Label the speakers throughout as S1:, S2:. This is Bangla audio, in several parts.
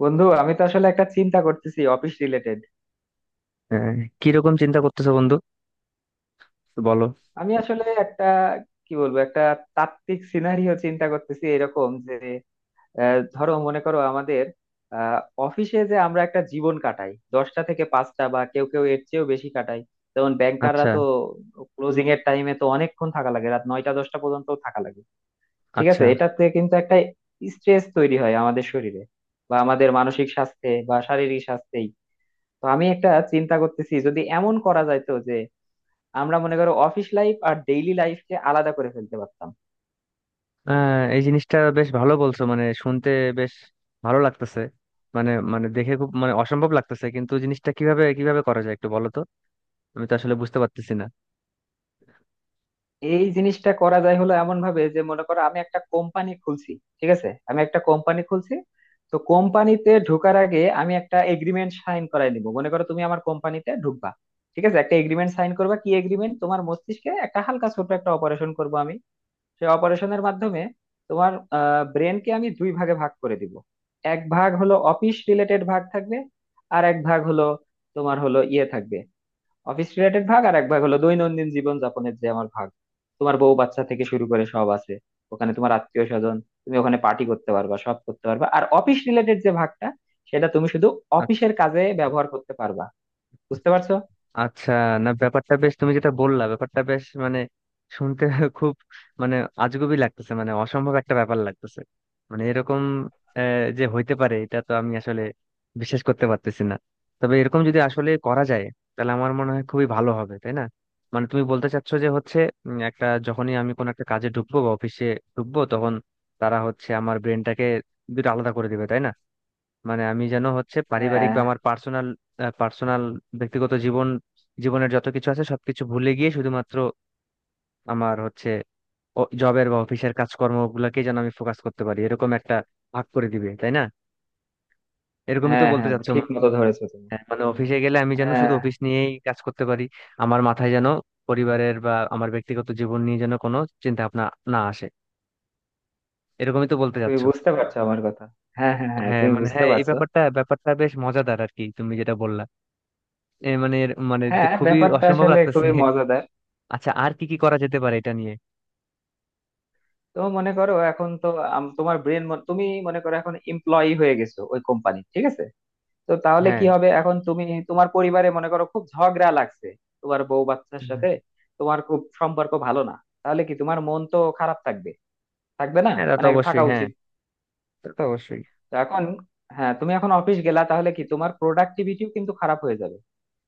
S1: বন্ধু, আমি তো আসলে একটা চিন্তা করতেছি অফিস রিলেটেড।
S2: আহ, কিরকম চিন্তা করতেছো বন্ধু? বলো।
S1: আমি আসলে একটা কি বলবো, একটা তাত্ত্বিক সিনারিও চিন্তা করতেছি এরকম যে, ধরো মনে করো আমাদের অফিসে যে আমরা একটা জীবন কাটাই, দশটা থেকে পাঁচটা, বা কেউ কেউ এর চেয়েও বেশি কাটাই। যেমন ব্যাংকাররা
S2: আচ্ছা
S1: তো ক্লোজিং এর টাইমে তো অনেকক্ষণ থাকা লাগে, রাত নয়টা দশটা পর্যন্ত থাকা লাগে। ঠিক
S2: আচ্ছা।
S1: আছে, এটাতে কিন্তু একটা স্ট্রেস তৈরি হয় আমাদের শরীরে, বা আমাদের মানসিক স্বাস্থ্যে বা শারীরিক স্বাস্থ্যেই। তো আমি একটা চিন্তা করতেছি, যদি এমন করা যাইতো আমরা মনে করো অফিস লাইফ আর ডেইলি লাইফকে আলাদা করে ফেলতে পারতাম।
S2: এই জিনিসটা বেশ ভালো বলছো, মানে শুনতে বেশ ভালো লাগতেছে। মানে মানে দেখে খুব মানে অসম্ভব লাগতেছে, কিন্তু জিনিসটা কিভাবে কিভাবে করা যায় একটু বলো তো। আমি তো আসলে বুঝতে পারতেছি না।
S1: এই জিনিসটা করা যায় হলো এমন ভাবে যে, মনে করো আমি একটা কোম্পানি খুলছি। ঠিক আছে, আমি একটা কোম্পানি খুলছি। তো কোম্পানিতে ঢোকার আগে আমি একটা এগ্রিমেন্ট সাইন করাই নিব, মনে করো তুমি আমার কোম্পানিতে ঢুকবা। ঠিক আছে, একটা এগ্রিমেন্ট সাইন করবা, কি এগ্রিমেন্ট? তোমার মস্তিষ্কে একটা হালকা ছোট একটা অপারেশন করব আমি। সেই অপারেশনের মাধ্যমে তোমার ব্রেনকে আমি দুই ভাগে ভাগ করে দিব। এক ভাগ হলো অফিস রিলেটেড ভাগ থাকবে, আর এক ভাগ হলো তোমার হলো ইয়ে থাকবে, অফিস রিলেটেড ভাগ, আর এক ভাগ হলো দৈনন্দিন জীবন যাপনের যে আমার ভাগ। তোমার বউ বাচ্চা থেকে শুরু করে সব আছে ওখানে, তোমার আত্মীয় স্বজন। তুমি ওখানে পার্টি করতে পারবা, সব করতে পারবা, আর অফিস রিলেটেড যে ভাগটা, সেটা তুমি শুধু অফিসের কাজে ব্যবহার করতে পারবা। বুঝতে পারছো?
S2: আচ্ছা, না ব্যাপারটা বেশ, তুমি যেটা বললা ব্যাপারটা বেশ মানে শুনতে খুব মানে আজগুবি লাগতেছে, মানে অসম্ভব একটা ব্যাপার লাগতেছে। মানে এরকম যে হইতে পারে এটা, তো আমি আসলে বিশ্বাস করতে পারতেছি না। তবে এরকম যদি আসলে করা যায় তাহলে আমার মনে হয় খুবই ভালো হবে, তাই না? মানে তুমি বলতে চাচ্ছো যে হচ্ছে একটা যখনই আমি কোনো একটা কাজে ঢুকবো বা অফিসে ঢুকবো তখন তারা হচ্ছে আমার ব্রেনটাকে দুটো আলাদা করে দিবে, তাই না? মানে আমি যেন হচ্ছে পারিবারিক
S1: হ্যাঁ
S2: বা আমার পার্সোনাল পার্সোনাল ব্যক্তিগত জীবনের যত কিছু আছে সবকিছু ভুলে গিয়ে শুধুমাত্র আমার হচ্ছে জবের বা অফিসের কাজকর্ম গুলাকে যেন আমি ফোকাস করতে পারি, এরকম একটা ভাগ করে দিবে তাই না? এরকমই তো
S1: হ্যাঁ
S2: বলতে
S1: হ্যাঁ,
S2: চাচ্ছো মনে
S1: ঠিক
S2: হয়।
S1: মতো ধরেছো তুমি।
S2: হ্যাঁ, মানে অফিসে গেলে আমি যেন
S1: হ্যাঁ,
S2: শুধু অফিস নিয়েই কাজ করতে পারি, আমার মাথায় যেন পরিবারের বা আমার ব্যক্তিগত জীবন নিয়ে যেন কোনো চিন্তা ভাবনা না আসে। এরকমই তো বলতে
S1: তুমি
S2: চাচ্ছো।
S1: বুঝতে পারছো আমার কথা? হ্যাঁ হ্যাঁ হ্যাঁ,
S2: হ্যাঁ
S1: তুমি
S2: মানে
S1: বুঝতে
S2: হ্যাঁ, এই
S1: পারছো।
S2: ব্যাপারটা ব্যাপারটা বেশ মজাদার আর কি, তুমি যেটা বললা। এ মানে মানে
S1: হ্যাঁ,
S2: খুবই
S1: ব্যাপারটা
S2: অসম্ভব
S1: আসলে
S2: লাগতেছে।
S1: খুবই মজাদার।
S2: আচ্ছা, আর কি কি করা যেতে পারে এটা নিয়ে?
S1: তো মনে করো, এখন তো তোমার ব্রেন, তুমি মনে করো এখন এমপ্লয়ি হয়ে গেছো ওই কোম্পানি, ঠিক আছে। তো তাহলে কি
S2: হ্যাঁ
S1: হবে এখন? তুমি তোমার পরিবারে মনে করো খুব ঝগড়া লাগছে তোমার বউ বাচ্চার
S2: হ্যাঁ।
S1: সাথে, তোমার খুব সম্পর্ক ভালো না। তাহলে কি তোমার মন তো খারাপ থাকবে, থাকবে না
S2: হ্যাঁ, তা তো
S1: মানে থাকা
S2: অবশ্যই, হ্যাঁ
S1: উচিত।
S2: তা তো অবশ্যই।
S1: তো এখন, হ্যাঁ, তুমি এখন অফিস গেলা তাহলে কি তোমার প্রোডাক্টিভিটিও কিন্তু খারাপ হয়ে যাবে,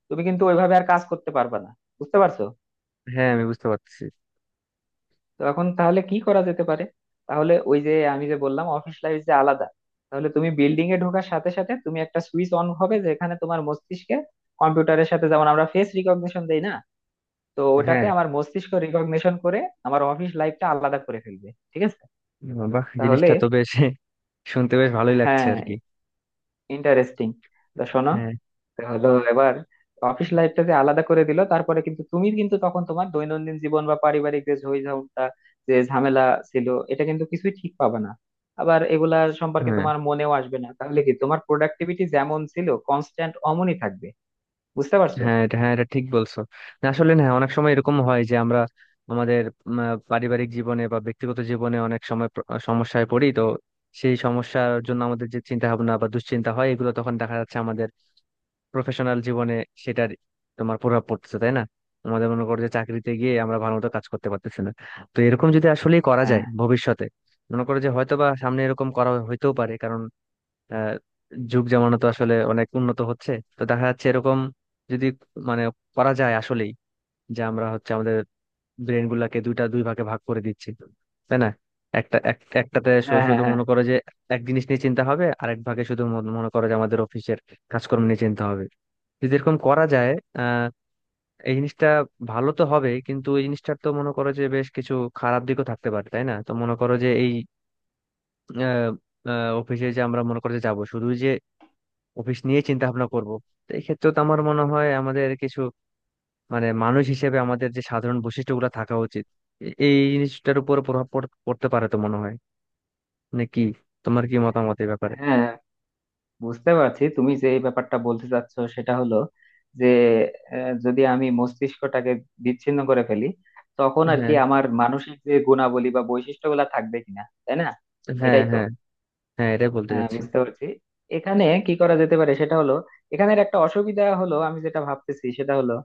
S1: তুমি কিন্তু ওইভাবে আর কাজ করতে পারবে না। বুঝতে পারছো?
S2: হ্যাঁ আমি বুঝতে পারছি।
S1: তো এখন তাহলে কি করা যেতে পারে? তাহলে ওই যে আমি যে বললাম, অফিস লাইফ যে আলাদা, তাহলে তুমি বিল্ডিং এ ঢোকার সাথে সাথে তুমি একটা সুইচ অন হবে, যেখানে তোমার মস্তিষ্কে কম্পিউটারের সাথে যেমন আমরা ফেস রিকগনিশন দেই না, তো ওটাতে
S2: হ্যাঁ,
S1: আমার মস্তিষ্ক রিকগনিশন করে আমার অফিস লাইফটা আলাদা করে ফেলবে, ঠিক আছে।
S2: বাহ
S1: তাহলে,
S2: জিনিসটা তো বেশ শুনতে বেশ ভালোই লাগছে
S1: হ্যাঁ,
S2: আর কি।
S1: ইন্টারেস্টিং। তো শোনো,
S2: হ্যাঁ
S1: তো হলো এবার অফিস লাইফটা যে আলাদা করে দিল, তারপরে কিন্তু তুমি, কিন্তু তখন তোমার দৈনন্দিন জীবন বা পারিবারিক যে ঝইঝামটা, যে ঝামেলা ছিল, এটা কিন্তু কিছুই ঠিক পাবে না, আবার এগুলা সম্পর্কে
S2: হ্যাঁ।
S1: তোমার মনেও আসবে না, তাহলে কি তোমার প্রোডাক্টিভিটি যেমন ছিল কনস্ট্যান্ট অমনই থাকবে। বুঝতে পারছো?
S2: হ্যাঁ এটা, হ্যাঁ এটা ঠিক বলছো। না, আসলে না, অনেক সময় এরকম হয় যে আমরা আমাদের পারিবারিক জীবনে বা ব্যক্তিগত জীবনে অনেক সময় সমস্যায় পড়ি। তো সেই সমস্যার জন্য আমাদের যে চিন্তা ভাবনা বা দুশ্চিন্তা হয়, এগুলো তখন দেখা যাচ্ছে আমাদের প্রফেশনাল জীবনে সেটার তোমার প্রভাব পড়তেছে তাই না? আমাদের মনে করো যে চাকরিতে গিয়ে আমরা ভালো মতো কাজ করতে পারতেছি না। তো এরকম যদি আসলে করা
S1: হ্যাঁ
S2: যায় ভবিষ্যতে, মনে করো যে হয়তো বা সামনে এরকম করা হইতেও পারে, কারণ আহ, যুগ জামানো তো আসলে অনেক উন্নত হচ্ছে। তো দেখা যাচ্ছে এরকম যদি মানে করা যায় আসলেই, যে আমরা হচ্ছে আমাদের ব্রেন গুলাকে দুইটা দুই ভাগে ভাগ করে দিচ্ছি তাই না? একটা একটাতে
S1: হ্যাঁ হ্যাঁ
S2: শুধু
S1: হ্যাঁ
S2: মনে করো যে এক জিনিস নিয়ে চিন্তা হবে, আরেক ভাগে শুধু মনে করো যে আমাদের অফিসের কাজকর্ম নিয়ে চিন্তা হবে। যদি এরকম করা যায়, আহ, এই জিনিসটা ভালো তো হবে, কিন্তু এই জিনিসটার তো মনে করো যে বেশ কিছু খারাপ দিকও থাকতে পারে তাই না? তো মনে করো যে এই আহ, অফিসে যে আমরা মনে করো যে যাবো শুধু যে অফিস নিয়ে চিন্তা ভাবনা করবো, তো এই ক্ষেত্রে তো আমার মনে হয় আমাদের কিছু মানে মানুষ হিসেবে আমাদের যে সাধারণ বৈশিষ্ট্যগুলো থাকা উচিত এই জিনিসটার উপর পড়তে পারে তো মনে হয়। মানে কি তোমার কি মতামত এই ব্যাপারে?
S1: হ্যাঁ, বুঝতে পারছি তুমি যে এই ব্যাপারটা বলতে চাচ্ছ সেটা হলো যে, যদি আমি মস্তিষ্কটাকে বিচ্ছিন্ন করে ফেলি, তখন আর কি
S2: হ্যাঁ
S1: আমার মানসিক যে গুণাবলী বা বৈশিষ্ট্যগুলা থাকবে কিনা, তাই না?
S2: হ্যাঁ
S1: এটাই তো।
S2: হ্যাঁ। হ্যাঁ, এটাই বলতে
S1: হ্যাঁ,
S2: চাচ্ছি।
S1: বুঝতে পারছি। এখানে কি করা যেতে পারে সেটা হলো, এখানের একটা অসুবিধা হলো আমি যেটা ভাবতেছি সেটা হলো,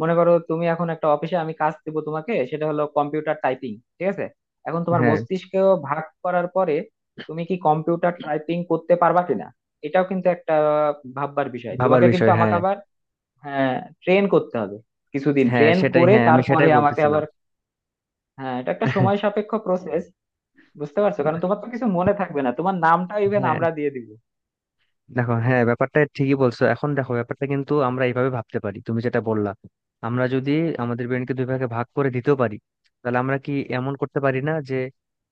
S1: মনে করো তুমি এখন একটা অফিসে, আমি কাজ দেবো তোমাকে সেটা হলো কম্পিউটার টাইপিং, ঠিক আছে। এখন তোমার
S2: হ্যাঁ,
S1: মস্তিষ্ক ভাগ করার পরে তুমি কি কম্পিউটার টাইপিং করতে পারবা কিনা, এটাও কিন্তু একটা ভাববার বিষয়,
S2: ভাবার
S1: তোমাকে কিন্তু
S2: বিষয়
S1: আমাকে
S2: হ্যাঁ।
S1: আবার, হ্যাঁ, ট্রেন করতে হবে। কিছুদিন
S2: হ্যাঁ
S1: ট্রেন
S2: সেটাই,
S1: করে
S2: হ্যাঁ আমি
S1: তারপরে
S2: সেটাই
S1: আমাকে
S2: বলতেছিলাম।
S1: আবার, হ্যাঁ, এটা একটা সময় সাপেক্ষ প্রসেস। বুঝতে পারছো, কারণ তোমার তো কিছু মনে থাকবে না, তোমার নামটা ইভেন
S2: হ্যাঁ।
S1: আমরা দিয়ে দিব।
S2: দেখো, হ্যাঁ ব্যাপারটা ঠিকই বলছো। এখন দেখো ব্যাপারটা কিন্তু আমরা এইভাবে ভাবতে পারি, তুমি যেটা বললা আমরা যদি আমাদের ব্রেনকে দুই ভাগে ভাগ করে দিতেও পারি, তাহলে আমরা কি এমন করতে পারি না যে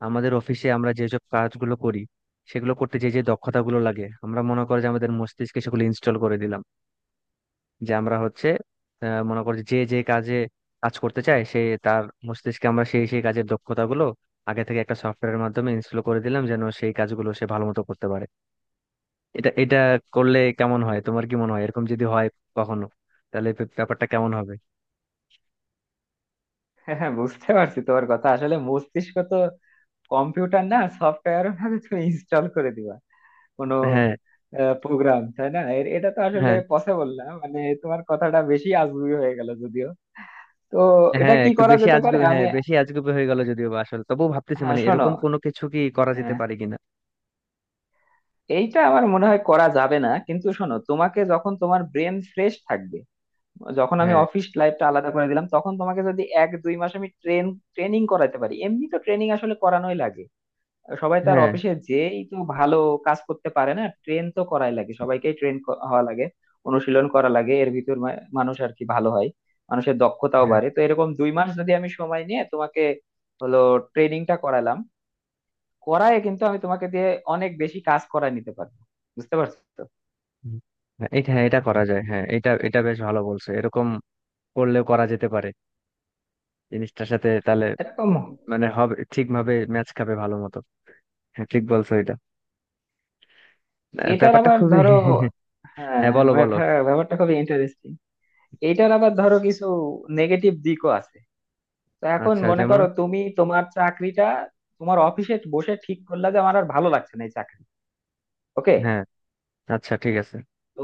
S2: আমাদের অফিসে আমরা যেসব কাজগুলো করি সেগুলো করতে যে যে দক্ষতাগুলো লাগে আমরা মনে করো যে আমাদের মস্তিষ্কে সেগুলো ইনস্টল করে দিলাম, যে আমরা হচ্ছে মনে করো যে যে কাজে কাজ করতে চাই সে তার মস্তিষ্কে আমরা সেই সেই কাজের দক্ষতাগুলো আগে থেকে একটা সফটওয়্যারের মাধ্যমে ইনস্টল করে দিলাম, যেন সেই কাজগুলো সে ভালো মতো করতে পারে। এটা এটা করলে কেমন হয়, তোমার কি মনে হয় এরকম যদি হয় কখনো? তাহলে ব্যাপারটা কেমন হবে?
S1: হ্যাঁ হ্যাঁ, বুঝতে পারছি তোমার কথা। আসলে মস্তিষ্ক তো কম্পিউটার না, সফটওয়্যারও না যে তুমি ইনস্টল করে দিবা কোনো
S2: হ্যাঁ
S1: প্রোগ্রাম, তাই না? এটা তো আসলে
S2: হ্যাঁ।
S1: পসিবল না, মানে তোমার কথাটা বেশি আজগুবি হয়ে গেল যদিও। তো এটা
S2: হ্যাঁ
S1: কি
S2: একটু
S1: করা
S2: বেশি
S1: যেতে পারে
S2: আজগুবি,
S1: আমি,
S2: হ্যাঁ বেশি আজগুবি হয়ে গেল যদিও বা আসলে, তবুও ভাবতেছি
S1: হ্যাঁ
S2: মানে
S1: শোনো,
S2: এরকম কোনো কিছু কি করা যেতে
S1: হ্যাঁ,
S2: পারে কিনা।
S1: এইটা আমার মনে হয় করা যাবে না, কিন্তু শোনো, তোমাকে যখন তোমার ব্রেন ফ্রেশ থাকবে, যখন আমি
S2: হ্যাঁ
S1: অফিস লাইফটা আলাদা করে দিলাম, তখন তোমাকে যদি এক দুই মাস আমি ট্রেনিং করাতে পারি, এমনি তো ট্রেনিং আসলে করানোই লাগে। সবাই তো আর
S2: হ্যাঁ
S1: অফিসে যেই তো ভালো কাজ করতে পারে না, ট্রেন তো করাই লাগে, সবাইকেই ট্রেন হওয়া লাগে, অনুশীলন করা লাগে, এর ভিতর মানুষ আর কি ভালো হয়, মানুষের দক্ষতাও
S2: হ্যাঁ।
S1: বাড়ে। তো এরকম দুই মাস যদি আমি সময় নিয়ে তোমাকে হলো ট্রেনিংটা করালাম, করায় কিন্তু আমি তোমাকে দিয়ে অনেক বেশি কাজ করায় নিতে পারবো। বুঝতে পারছো তো?
S2: হুম। হ্যাঁ, এটা হ্যাঁ এটা করা যায়, হ্যাঁ এটা এটা বেশ ভালো বলছো, এরকম করলেও করা যেতে পারে। জিনিসটার সাথে তাহলে
S1: এরকম
S2: মানে হবে, ঠিকভাবে ম্যাচ খাবে ভালো মতো। হ্যাঁ ঠিক বলছো এটা।
S1: এটার
S2: ব্যাপারটা
S1: আবার
S2: খুবই
S1: ধরো, হ্যাঁ,
S2: হ্যাঁ বলো বলো।
S1: ব্যাপারটা ব্যাপারটা খুবই ইন্টারেস্টিং। এইটার আবার ধরো কিছু নেগেটিভ দিকও আছে। তো এখন
S2: আচ্ছা,
S1: মনে
S2: যেমন?
S1: করো তুমি তোমার চাকরিটা, তোমার অফিসে বসে ঠিক করলা যে আমার আর ভালো লাগছে না এই চাকরি, ওকে।
S2: হ্যাঁ। আচ্ছা, ঠিক আছে।
S1: তো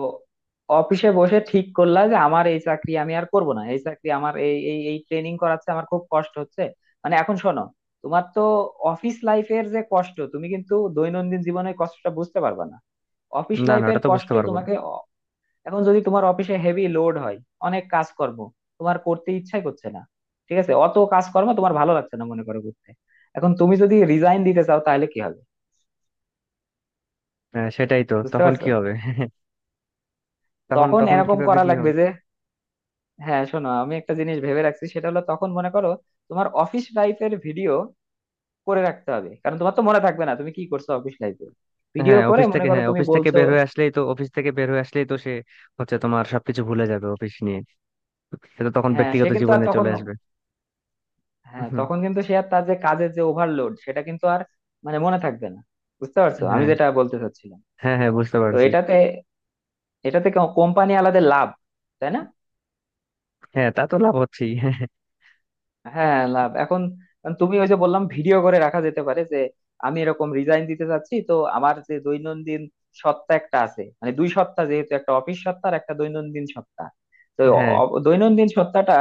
S1: অফিসে বসে ঠিক করলা যে আমার এই চাকরি আমি আর করব না, এই চাকরি আমার এই এই এই ট্রেনিং করাচ্ছে, আমার খুব কষ্ট হচ্ছে। মানে এখন শোনো, তোমার তো অফিস লাইফের যে কষ্ট, তুমি কিন্তু দৈনন্দিন জীবনের কষ্টটা বুঝতে পারবে না, অফিস
S2: না না,
S1: লাইফের
S2: ওটা তো বুঝতে
S1: কষ্ট
S2: পারবো না।
S1: তোমাকে। এখন যদি তোমার অফিসে হেভি লোড হয়, অনেক কাজকর্ম তোমার করতে ইচ্ছাই করছে না, ঠিক আছে, অত কাজকর্ম তোমার ভালো লাগছে না মনে করো করতে, এখন তুমি যদি রিজাইন দিতে চাও তাহলে কি হবে?
S2: হ্যাঁ সেটাই তো,
S1: বুঝতে
S2: তখন
S1: পারছো?
S2: কি হবে? তখন
S1: তখন
S2: তখন
S1: এরকম
S2: কিভাবে
S1: করা
S2: কি
S1: লাগবে
S2: হবে?
S1: যে, হ্যাঁ শোনো, আমি একটা জিনিস ভেবে রাখছি সেটা হলো, তখন মনে করো তোমার অফিস লাইফের ভিডিও করে রাখতে হবে, কারণ তোমার তো মনে থাকবে না তুমি কি করছো অফিস লাইফে। ভিডিও
S2: হ্যাঁ
S1: করে
S2: অফিস
S1: মনে
S2: থেকে,
S1: করো
S2: হ্যাঁ
S1: তুমি
S2: অফিস থেকে
S1: বলছো,
S2: বের হয়ে আসলেই তো, অফিস থেকে বের হয়ে আসলেই তো সে হচ্ছে তোমার সবকিছু ভুলে যাবে অফিস নিয়ে। সে তো তখন
S1: হ্যাঁ, সে
S2: ব্যক্তিগত
S1: কিন্তু আর
S2: জীবনে
S1: তখন,
S2: চলে আসবে।
S1: হ্যাঁ,
S2: হুম,
S1: তখন কিন্তু সে আর তার যে কাজের যে ওভারলোড সেটা কিন্তু আর, মানে মনে থাকবে না। বুঝতে পারছো আমি
S2: হ্যাঁ
S1: যেটা বলতে চাচ্ছিলাম?
S2: হ্যাঁ হ্যাঁ বুঝতে
S1: তো
S2: পারছি।
S1: এটাতে এটাতে কোম্পানি আলাদা লাভ, তাই না?
S2: হ্যাঁ তা তো লাভ হচ্ছেই।
S1: হ্যাঁ, লাভ। এখন তুমি ওই যে বললাম ভিডিও করে রাখা যেতে পারে যে আমি এরকম রিজাইন দিতে চাচ্ছি, তো আমার যে দৈনন্দিন সত্তা একটা আছে, মানে দুই সত্তা যেহেতু, একটা অফিস সত্তা আর একটা দৈনন্দিন সত্তা। তো
S2: হ্যাঁ।
S1: দৈনন্দিন সত্তাটা,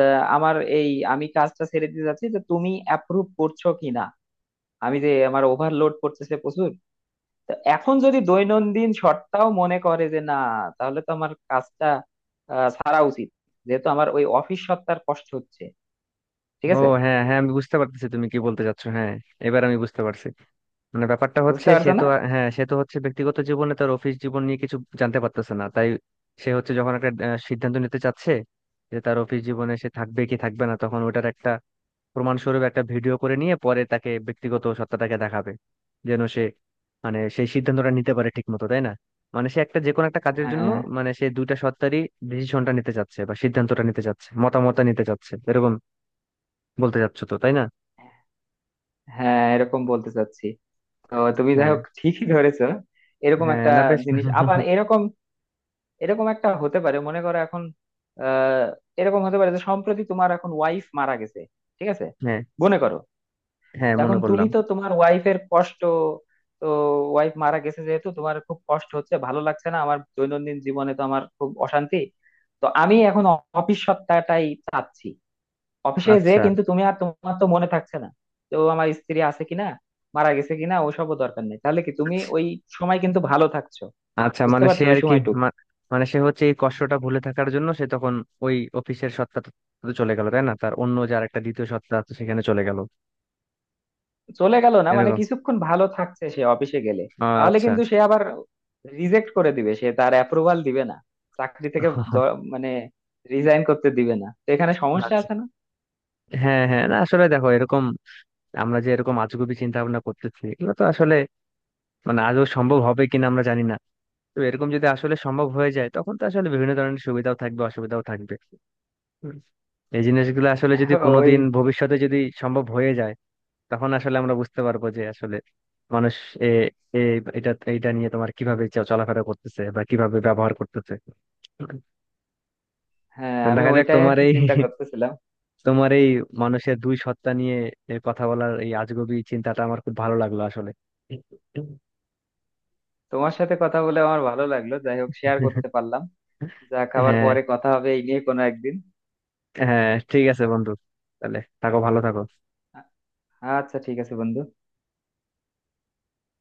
S1: আমার এই, আমি কাজটা ছেড়ে দিতে চাচ্ছি যে তুমি অ্যাপ্রুভ করছো কিনা, আমি যে আমার ওভারলোড করতেছে প্রচুর। তো এখন যদি দৈনন্দিন শর্তাও মনে করে যে না, তাহলে তো আমার কাজটা ছাড়া উচিত, যেহেতু আমার ওই অফিস সত্তার কষ্ট হচ্ছে। ঠিক
S2: ও
S1: আছে।
S2: হ্যাঁ হ্যাঁ, আমি বুঝতে পারতেছি তুমি কি বলতে চাচ্ছো, হ্যাঁ এবার আমি বুঝতে পারছি। মানে ব্যাপারটা
S1: বুঝতে
S2: হচ্ছে সে
S1: পারছো
S2: তো
S1: না?
S2: হ্যাঁ সে তো হচ্ছে ব্যক্তিগত জীবনে তার অফিস জীবন নিয়ে কিছু জানতে পারতেছে না, তাই সে হচ্ছে যখন একটা সিদ্ধান্ত নিতে চাচ্ছে যে তার অফিস জীবনে সে থাকবে কি থাকবে না, তখন ওটার একটা প্রমাণস্বরূপ একটা ভিডিও করে নিয়ে পরে তাকে ব্যক্তিগত সত্তাটাকে দেখাবে, যেন সে মানে সেই সিদ্ধান্তটা নিতে পারে ঠিক মতো তাই না? মানে সে একটা যে কোনো একটা কাজের জন্য
S1: হ্যাঁ
S2: মানে সে দুইটা সত্তারই ডিসিশনটা নিতে চাচ্ছে বা সিদ্ধান্তটা নিতে চাচ্ছে, মতামতটা নিতে চাচ্ছে, এরকম বলতে চাচ্ছ তো তাই না?
S1: হ্যাঁ, এরকম বলতে চাচ্ছি। তো তুমি যাই
S2: হ্যাঁ
S1: হোক ঠিকই ধরেছো। এরকম
S2: হ্যাঁ,
S1: একটা
S2: না বেশ।
S1: জিনিস, আবার এরকম এরকম একটা হতে পারে, মনে করো এখন, আহ এরকম হতে পারে যে সম্প্রতি তোমার এখন ওয়াইফ মারা গেছে। ঠিক আছে,
S2: হ্যাঁ,
S1: মনে করো।
S2: হ্যাঁ মনে
S1: এখন তুমি
S2: করলাম।
S1: তো তোমার ওয়াইফের কষ্ট, তো ওয়াইফ মারা গেছে যেহেতু, তোমার খুব কষ্ট হচ্ছে, ভালো লাগছে না, আমার দৈনন্দিন জীবনে তো আমার খুব অশান্তি। তো আমি এখন অফিস সপ্তাহটাই চাচ্ছি। অফিসে যে
S2: আচ্ছা
S1: কিন্তু তুমি, আর তোমার তো মনে থাকছে না তো আমার স্ত্রী আছে কিনা, মারা গেছে কিনা, ওসবও দরকার নেই, তাহলে কি তুমি ওই সময় কিন্তু ভালো থাকছো।
S2: আচ্ছা,
S1: বুঝতে
S2: মানে সে
S1: পারছো, ওই
S2: আর কি
S1: সময়টুকু
S2: মা- মানে সে হচ্ছে এই কষ্টটা ভুলে থাকার জন্য সে তখন ওই অফিসের সত্তাটা তো চলে গেল তাই না, তার অন্য যে আরেকটা দ্বিতীয় সত্তা আছে সেখানে চলে গেল
S1: চলে গেল না মানে
S2: এরকম।
S1: কিছুক্ষণ ভালো থাকছে সে অফিসে গেলে। তাহলে
S2: আচ্ছা
S1: কিন্তু সে আবার রিজেক্ট করে দিবে, সে তার অ্যাপ্রুভাল দিবে না চাকরি থেকে, মানে রিজাইন করতে দিবে না, তো এখানে সমস্যা
S2: আচ্ছা।
S1: আছে না?
S2: হ্যাঁ হ্যাঁ, না আসলে দেখো এরকম আমরা যে এরকম আজগুবি চিন্তা ভাবনা করতেছি এগুলো তো আসলে মানে আদৌ সম্ভব হবে কিনা আমরা জানি না। তো এরকম যদি আসলে সম্ভব হয়ে যায় তখন তো আসলে বিভিন্ন ধরনের সুবিধাও থাকবে, অসুবিধাও থাকবে। হুম। এই জিনিসগুলো আসলে যদি কোনোদিন
S1: ওই,
S2: ভবিষ্যতে যদি সম্ভব হয়ে যায়, তখন আসলে আমরা বুঝতে পারবো যে আসলে মানুষ এ এ- এটা এটা নিয়ে তোমার কিভাবে চলাফেরা করতেছে বা কিভাবে ব্যবহার করতেছে।
S1: হ্যাঁ,
S2: মানে
S1: আমি
S2: দেখা যাক।
S1: ওইটাই আর
S2: তোমার
S1: কি
S2: এই
S1: চিন্তা করতেছিলাম।
S2: তোমার এই মানুষের দুই সত্তা নিয়ে এ কথা বলার এই আজগবি চিন্তাটা আমার খুব ভালো লাগলো আসলে।
S1: তোমার সাথে কথা বলে আমার ভালো লাগলো, যাই হোক শেয়ার করতে পারলাম। যা, খাবার
S2: হ্যাঁ,
S1: পরে কথা হবে এই নিয়ে কোনো একদিন।
S2: হ্যাঁ ঠিক আছে বন্ধু, তাহলে থাকো, ভালো থাকো।
S1: আ- আচ্ছা, ঠিক আছে বন্ধু।